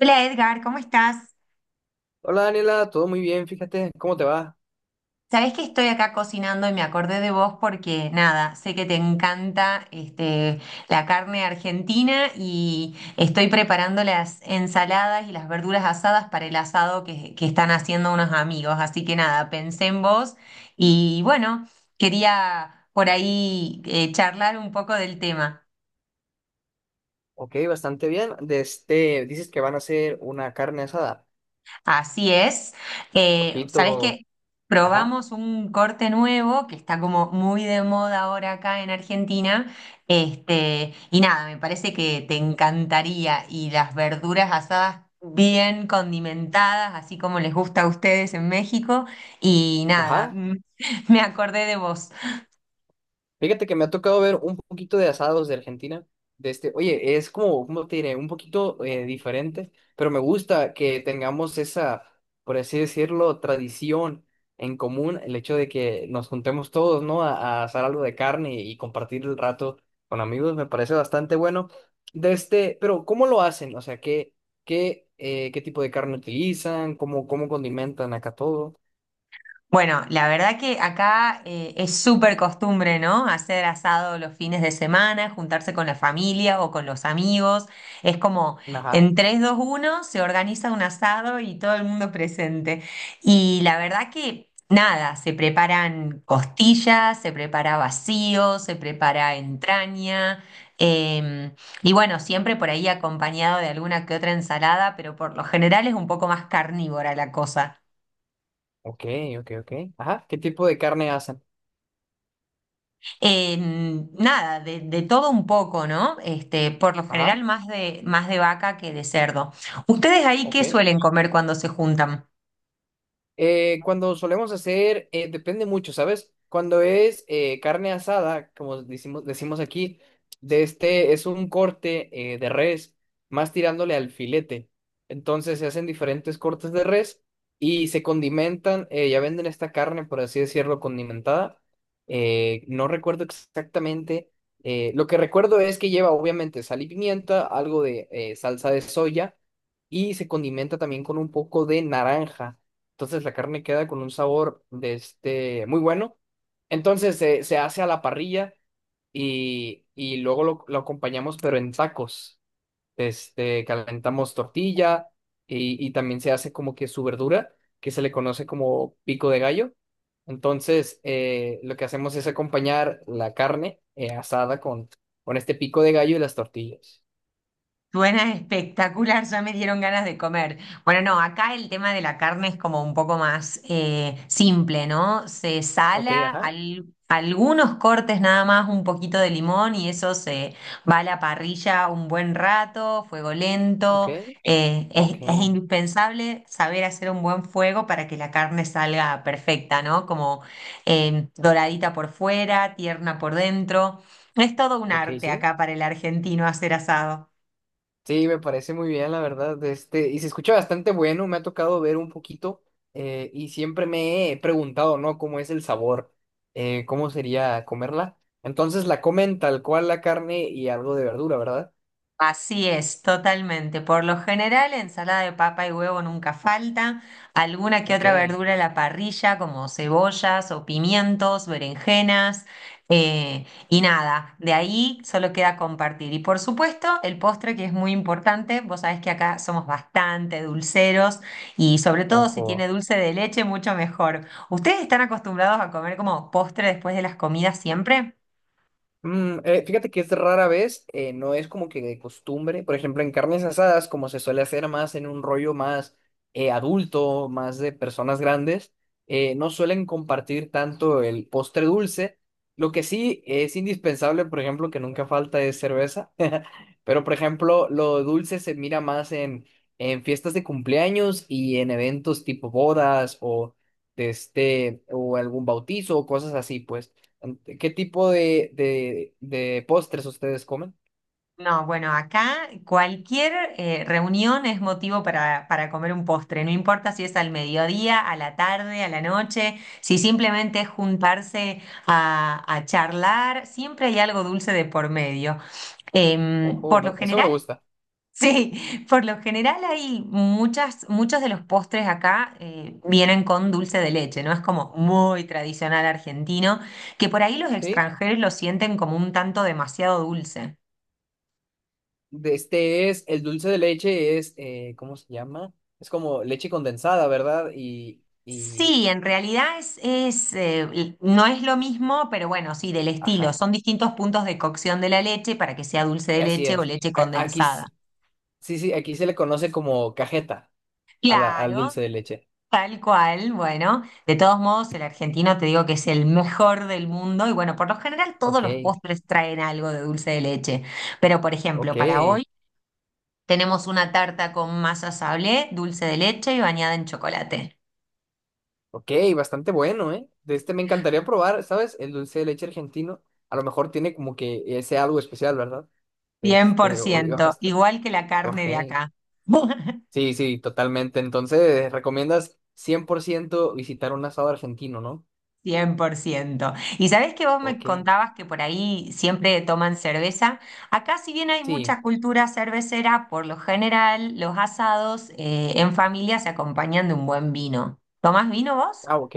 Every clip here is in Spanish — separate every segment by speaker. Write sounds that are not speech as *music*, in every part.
Speaker 1: Hola Edgar, ¿cómo estás?
Speaker 2: Hola Daniela, todo muy bien, fíjate, ¿cómo te va?
Speaker 1: Sabés que estoy acá cocinando y me acordé de vos porque nada, sé que te encanta la carne argentina y estoy preparando las ensaladas y las verduras asadas para el asado que están haciendo unos amigos. Así que nada, pensé en vos y bueno, quería por ahí charlar un poco del tema.
Speaker 2: Ok, bastante bien. De este, dices que van a hacer una carne asada,
Speaker 1: Así es.
Speaker 2: ojito,
Speaker 1: ¿Sabés qué?
Speaker 2: ajá,
Speaker 1: Probamos un corte nuevo que está como muy de moda ahora acá en Argentina. Y nada, me parece que te encantaría. Y las verduras asadas bien condimentadas, así como les gusta a ustedes en México. Y nada,
Speaker 2: ajá,
Speaker 1: *laughs* me acordé de vos.
Speaker 2: fíjate que me ha tocado ver un poquito de asados de Argentina. De este, oye, es como, ¿cómo te diré? Un poquito diferente, pero me gusta que tengamos esa, por así decirlo, tradición en común, el hecho de que nos juntemos todos, ¿no? A asar algo de carne y compartir el rato con amigos, me parece bastante bueno. De este, pero ¿cómo lo hacen? O sea, ¿qué tipo de carne utilizan? ¿Cómo, cómo condimentan acá todo?
Speaker 1: Bueno, la verdad que acá es súper costumbre, ¿no? Hacer asado los fines de semana, juntarse con la familia o con los amigos. Es como
Speaker 2: Ajá.
Speaker 1: en tres, dos, uno se organiza un asado y todo el mundo presente. Y la verdad que nada, se preparan costillas, se prepara vacío, se prepara entraña. em, y bueno, siempre por ahí acompañado de alguna que otra ensalada, pero por lo general es un poco más carnívora la cosa.
Speaker 2: Ok, ok, ok. Ajá. ¿Qué tipo de carne hacen?
Speaker 1: Eh, Nada, de todo un poco, ¿no? Este, por lo general
Speaker 2: Ajá.
Speaker 1: más de vaca que de cerdo. ¿Ustedes ahí
Speaker 2: Ok.
Speaker 1: qué suelen comer cuando se juntan?
Speaker 2: Cuando solemos hacer, depende mucho, ¿sabes? Cuando es carne asada, como decimos, decimos aquí, de este es un corte de res, más tirándole al filete. Entonces se hacen diferentes cortes de res y se condimentan, ya venden esta carne, por así decirlo, condimentada. No recuerdo exactamente. Lo que recuerdo es que lleva obviamente sal y pimienta, algo de salsa de soya y se condimenta también con un poco de naranja. Entonces la carne queda con un sabor de este muy bueno. Entonces se hace a la parrilla y luego lo acompañamos, pero en tacos. Este, calentamos tortilla y también se hace como que su verdura, que se le conoce como pico de gallo. Entonces, lo que hacemos es acompañar la carne asada con este pico de gallo y las tortillas.
Speaker 1: Suena espectacular, ya me dieron ganas de comer. Bueno, no, acá el tema de la carne es como un poco más simple, ¿no? Se
Speaker 2: Ok,
Speaker 1: sala
Speaker 2: ajá.
Speaker 1: al- algunos cortes nada más, un poquito de limón y eso se va a la parrilla un buen rato, fuego
Speaker 2: Ok,
Speaker 1: lento.
Speaker 2: ok,
Speaker 1: Es indispensable saber hacer un buen fuego para que la carne salga perfecta, ¿no? Como doradita por fuera, tierna por dentro. Es todo un
Speaker 2: ok,
Speaker 1: arte
Speaker 2: sí.
Speaker 1: acá para el argentino hacer asado.
Speaker 2: Sí, me parece muy bien, la verdad. Este, y se escucha bastante bueno, me ha tocado ver un poquito y siempre me he preguntado, ¿no? ¿Cómo es el sabor? ¿Cómo sería comerla? Entonces la comen tal cual la carne y algo de verdura, ¿verdad?
Speaker 1: Así es, totalmente. Por lo general, ensalada de papa y huevo nunca falta, alguna que
Speaker 2: Ok,
Speaker 1: otra verdura a la parrilla, como cebollas o pimientos, berenjenas, y nada, de ahí solo queda compartir. Y por supuesto, el postre que es muy importante, vos sabés que acá somos bastante dulceros y sobre todo si
Speaker 2: ojo.
Speaker 1: tiene dulce de leche, mucho mejor. ¿Ustedes están acostumbrados a comer como postre después de las comidas siempre?
Speaker 2: Fíjate que es rara vez, no es como que de costumbre. Por ejemplo, en carnes asadas, como se suele hacer más en un rollo más adulto, más de personas grandes, no suelen compartir tanto el postre dulce. Lo que sí es indispensable, por ejemplo, que nunca falta es cerveza. *laughs* Pero, por ejemplo, lo dulce se mira más en fiestas de cumpleaños y en eventos tipo bodas o, de este, o algún bautizo o cosas así, pues. ¿Qué tipo de postres ustedes comen?
Speaker 1: No, bueno, acá cualquier reunión es motivo para comer un postre, no importa si es al mediodía, a la tarde, a la noche, si simplemente es juntarse a charlar, siempre hay algo dulce de por medio.
Speaker 2: Ojo,
Speaker 1: Por lo
Speaker 2: eso me
Speaker 1: general,
Speaker 2: gusta.
Speaker 1: *laughs* sí, por lo general hay muchas, muchos de los postres acá vienen con dulce de leche, ¿no? Es como muy tradicional argentino, que por ahí los
Speaker 2: ¿Sí?
Speaker 1: extranjeros lo sienten como un tanto demasiado dulce.
Speaker 2: De este es, el dulce de leche es, ¿cómo se llama? Es como leche condensada, ¿verdad? Y,
Speaker 1: Sí, en realidad no es lo mismo, pero bueno, sí, del estilo.
Speaker 2: ajá,
Speaker 1: Son distintos puntos de cocción de la leche para que sea dulce de
Speaker 2: así
Speaker 1: leche o
Speaker 2: es.
Speaker 1: leche
Speaker 2: Aquí,
Speaker 1: condensada.
Speaker 2: sí, sí, aquí se le conoce como cajeta al
Speaker 1: Claro,
Speaker 2: dulce de leche.
Speaker 1: tal cual. Bueno, de todos modos, el argentino te digo que es el mejor del mundo y bueno, por lo general todos
Speaker 2: Ok,
Speaker 1: los postres traen algo de dulce de leche. Pero por
Speaker 2: ok,
Speaker 1: ejemplo, para hoy tenemos una tarta con masa sablé, dulce de leche y bañada en chocolate.
Speaker 2: ok, bastante bueno, ¿eh? De este me encantaría probar, ¿sabes? El dulce de leche argentino. A lo mejor tiene como que ese algo especial, ¿verdad?
Speaker 1: Cien por
Speaker 2: Este,
Speaker 1: ciento, igual que la carne
Speaker 2: ok.
Speaker 1: de acá. *laughs*
Speaker 2: Sí, sí, totalmente. Entonces, recomiendas 100% visitar un asado argentino, ¿no?
Speaker 1: 100%. Y sabés que vos me
Speaker 2: Ok.
Speaker 1: contabas que por ahí siempre toman cerveza. Acá, si bien hay
Speaker 2: Sí.
Speaker 1: mucha cultura cervecera, por lo general los asados en familia se acompañan de un buen vino. ¿Tomás vino vos?
Speaker 2: Ah, ok.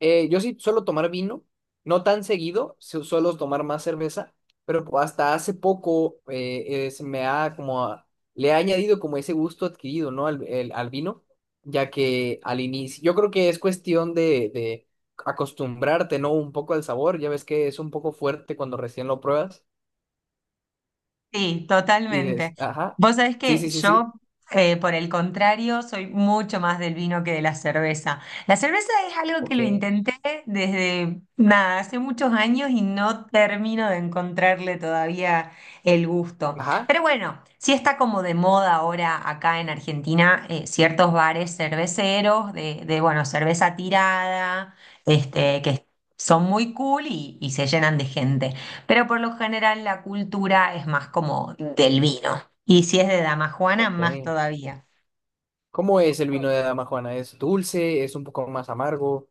Speaker 2: Yo sí suelo tomar vino, no tan seguido, suelo tomar más cerveza, pero hasta hace poco se me ha como, le he añadido como ese gusto adquirido, ¿no? Al, al vino, ya que al inicio, yo creo que es cuestión de acostumbrarte, ¿no? Un poco al sabor, ya ves que es un poco fuerte cuando recién lo pruebas.
Speaker 1: Sí,
Speaker 2: Y des,
Speaker 1: totalmente.
Speaker 2: ajá.
Speaker 1: Vos sabés
Speaker 2: Sí,
Speaker 1: que
Speaker 2: sí, sí, sí.
Speaker 1: yo, por el contrario, soy mucho más del vino que de la cerveza. La cerveza es algo que
Speaker 2: Ok.
Speaker 1: lo intenté desde, nada, hace muchos años y no termino de encontrarle todavía el gusto.
Speaker 2: Ajá.
Speaker 1: Pero bueno, sí está como de moda ahora acá en Argentina, ciertos bares cerveceros de, bueno, cerveza tirada, este, que son muy cool y se llenan de gente. Pero por lo general la cultura es más como del vino. Y si es de Dama Juana, más
Speaker 2: Ok.
Speaker 1: todavía.
Speaker 2: ¿Cómo es el vino de Dama Juana? ¿Es dulce? ¿Es un poco más amargo?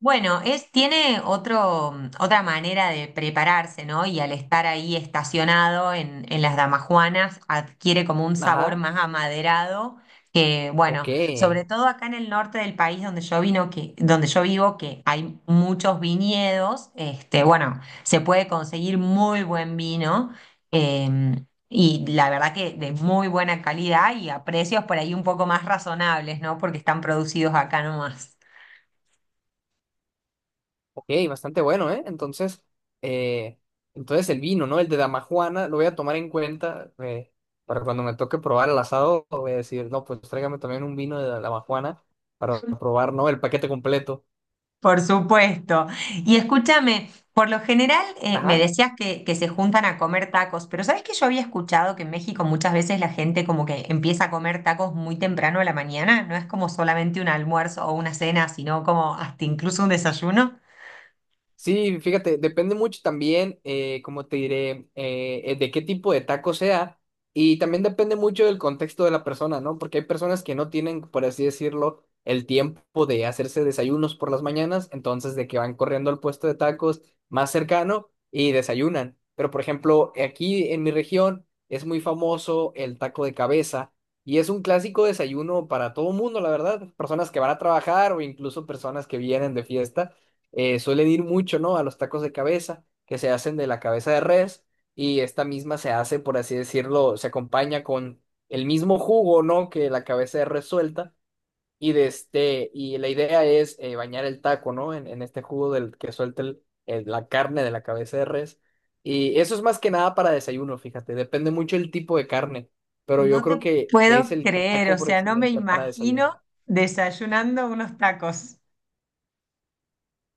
Speaker 1: Bueno, es, tiene otro, otra manera de prepararse, ¿no? Y al estar ahí estacionado en las damajuanas, adquiere como un sabor
Speaker 2: Ajá.
Speaker 1: más amaderado, que
Speaker 2: Ok.
Speaker 1: bueno, sobre todo acá en el norte del país donde yo vivo, que hay muchos viñedos, este, bueno, se puede conseguir muy buen vino, eh, y la verdad que de muy buena calidad y a precios por ahí un poco más razonables, ¿no? Porque están producidos acá nomás.
Speaker 2: Ok, bastante bueno, ¿eh? Entonces, eh, entonces el vino, ¿no? El de Dama Juana, lo voy a tomar en cuenta para cuando me toque probar el asado, voy a decir, no, pues tráigame también un vino de Dama Juana para probar, ¿no? El paquete completo.
Speaker 1: Por supuesto. Y escúchame, por lo general me
Speaker 2: Ajá.
Speaker 1: decías que se juntan a comer tacos, pero ¿sabes que yo había escuchado que en México muchas veces la gente como que empieza a comer tacos muy temprano a la mañana? No es como solamente un almuerzo o una cena, sino como hasta incluso un desayuno.
Speaker 2: Sí, fíjate, depende mucho también, como te diré, de qué tipo de taco sea y también depende mucho del contexto de la persona, ¿no? Porque hay personas que no tienen, por así decirlo, el tiempo de hacerse desayunos por las mañanas, entonces de que van corriendo al puesto de tacos más cercano y desayunan. Pero, por ejemplo, aquí en mi región es muy famoso el taco de cabeza y es un clásico desayuno para todo mundo, la verdad, personas que van a trabajar o incluso personas que vienen de fiesta suelen ir mucho, ¿no? A los tacos de cabeza, que se hacen de la cabeza de res, y esta misma se hace, por así decirlo, se acompaña con el mismo jugo, ¿no? Que la cabeza de res suelta, y de este, y la idea es bañar el taco, ¿no? En este jugo del que suelta la carne de la cabeza de res. Y eso es más que nada para desayuno, fíjate, depende mucho el tipo de carne, pero yo
Speaker 1: No
Speaker 2: creo
Speaker 1: te
Speaker 2: que es
Speaker 1: puedo
Speaker 2: el
Speaker 1: creer, o
Speaker 2: taco por
Speaker 1: sea, no me
Speaker 2: excelencia para
Speaker 1: imagino
Speaker 2: desayunar.
Speaker 1: desayunando unos tacos.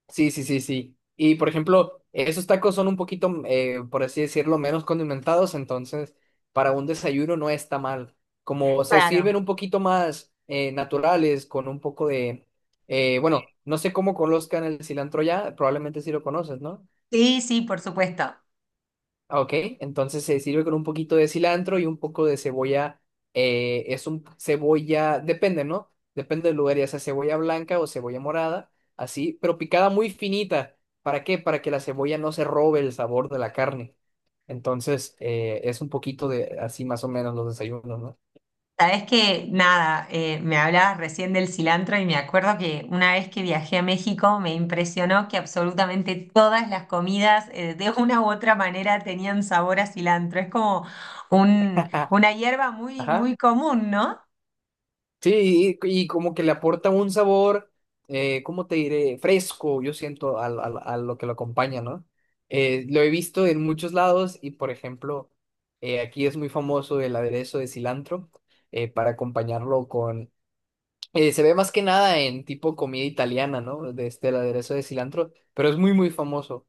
Speaker 2: Sí, sí, sí, sí. Y por ejemplo, esos tacos son un poquito, por así decirlo, menos condimentados, entonces para un desayuno no está mal. Como se sirven
Speaker 1: Claro.
Speaker 2: un poquito más naturales, con un poco de, bueno, no sé cómo conozcan el cilantro ya, probablemente sí lo conoces, ¿no?
Speaker 1: Sí, sí, por supuesto.
Speaker 2: Ah, ok, entonces se sirve con un poquito de cilantro y un poco de cebolla. Es un cebolla, depende, ¿no? Depende del lugar, ya sea cebolla blanca o cebolla morada, así, pero picada muy finita. ¿Para qué? Para que la cebolla no se robe el sabor de la carne. Entonces, es un poquito de así más o menos los desayunos, ¿no?
Speaker 1: Sabes que nada, me hablabas recién del cilantro y me acuerdo que una vez que viajé a México me impresionó que absolutamente todas las comidas de una u otra manera tenían sabor a cilantro. Es como un,
Speaker 2: *laughs*
Speaker 1: una hierba muy,
Speaker 2: Ajá.
Speaker 1: muy común, ¿no?
Speaker 2: Sí, y como que le aporta un sabor, ¿cómo te diré? Fresco, yo siento, a lo que lo acompaña, ¿no? Lo he visto en muchos lados y, por ejemplo, aquí es muy famoso el aderezo de cilantro para acompañarlo con... se ve más que nada en tipo comida italiana, ¿no? De este, el aderezo de cilantro, pero es muy, muy famoso.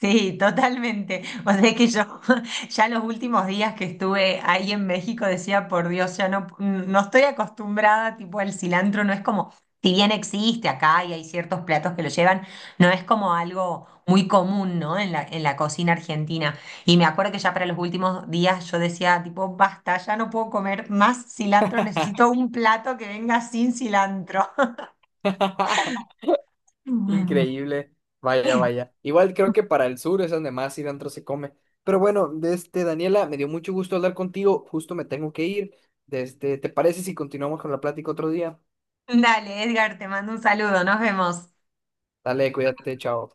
Speaker 1: Sí, totalmente. O sea que yo *laughs* ya los últimos días que estuve ahí en México decía, por Dios, ya no, no estoy acostumbrada, tipo el cilantro no es como, si bien existe acá y hay ciertos platos que lo llevan, no es como algo muy común, ¿no? En la cocina argentina. Y me acuerdo que ya para los últimos días yo decía, tipo, basta, ya no puedo comer más cilantro, necesito un plato que venga sin cilantro.
Speaker 2: *laughs*
Speaker 1: *laughs*
Speaker 2: Increíble. Vaya, vaya. Igual creo que para el sur es donde más cilantro se come. Pero bueno, de este Daniela, me dio mucho gusto hablar contigo. Justo me tengo que ir. Desde, ¿te parece si continuamos con la plática otro día?
Speaker 1: Dale, Edgar, te mando un saludo, nos vemos.
Speaker 2: Dale, cuídate, chao.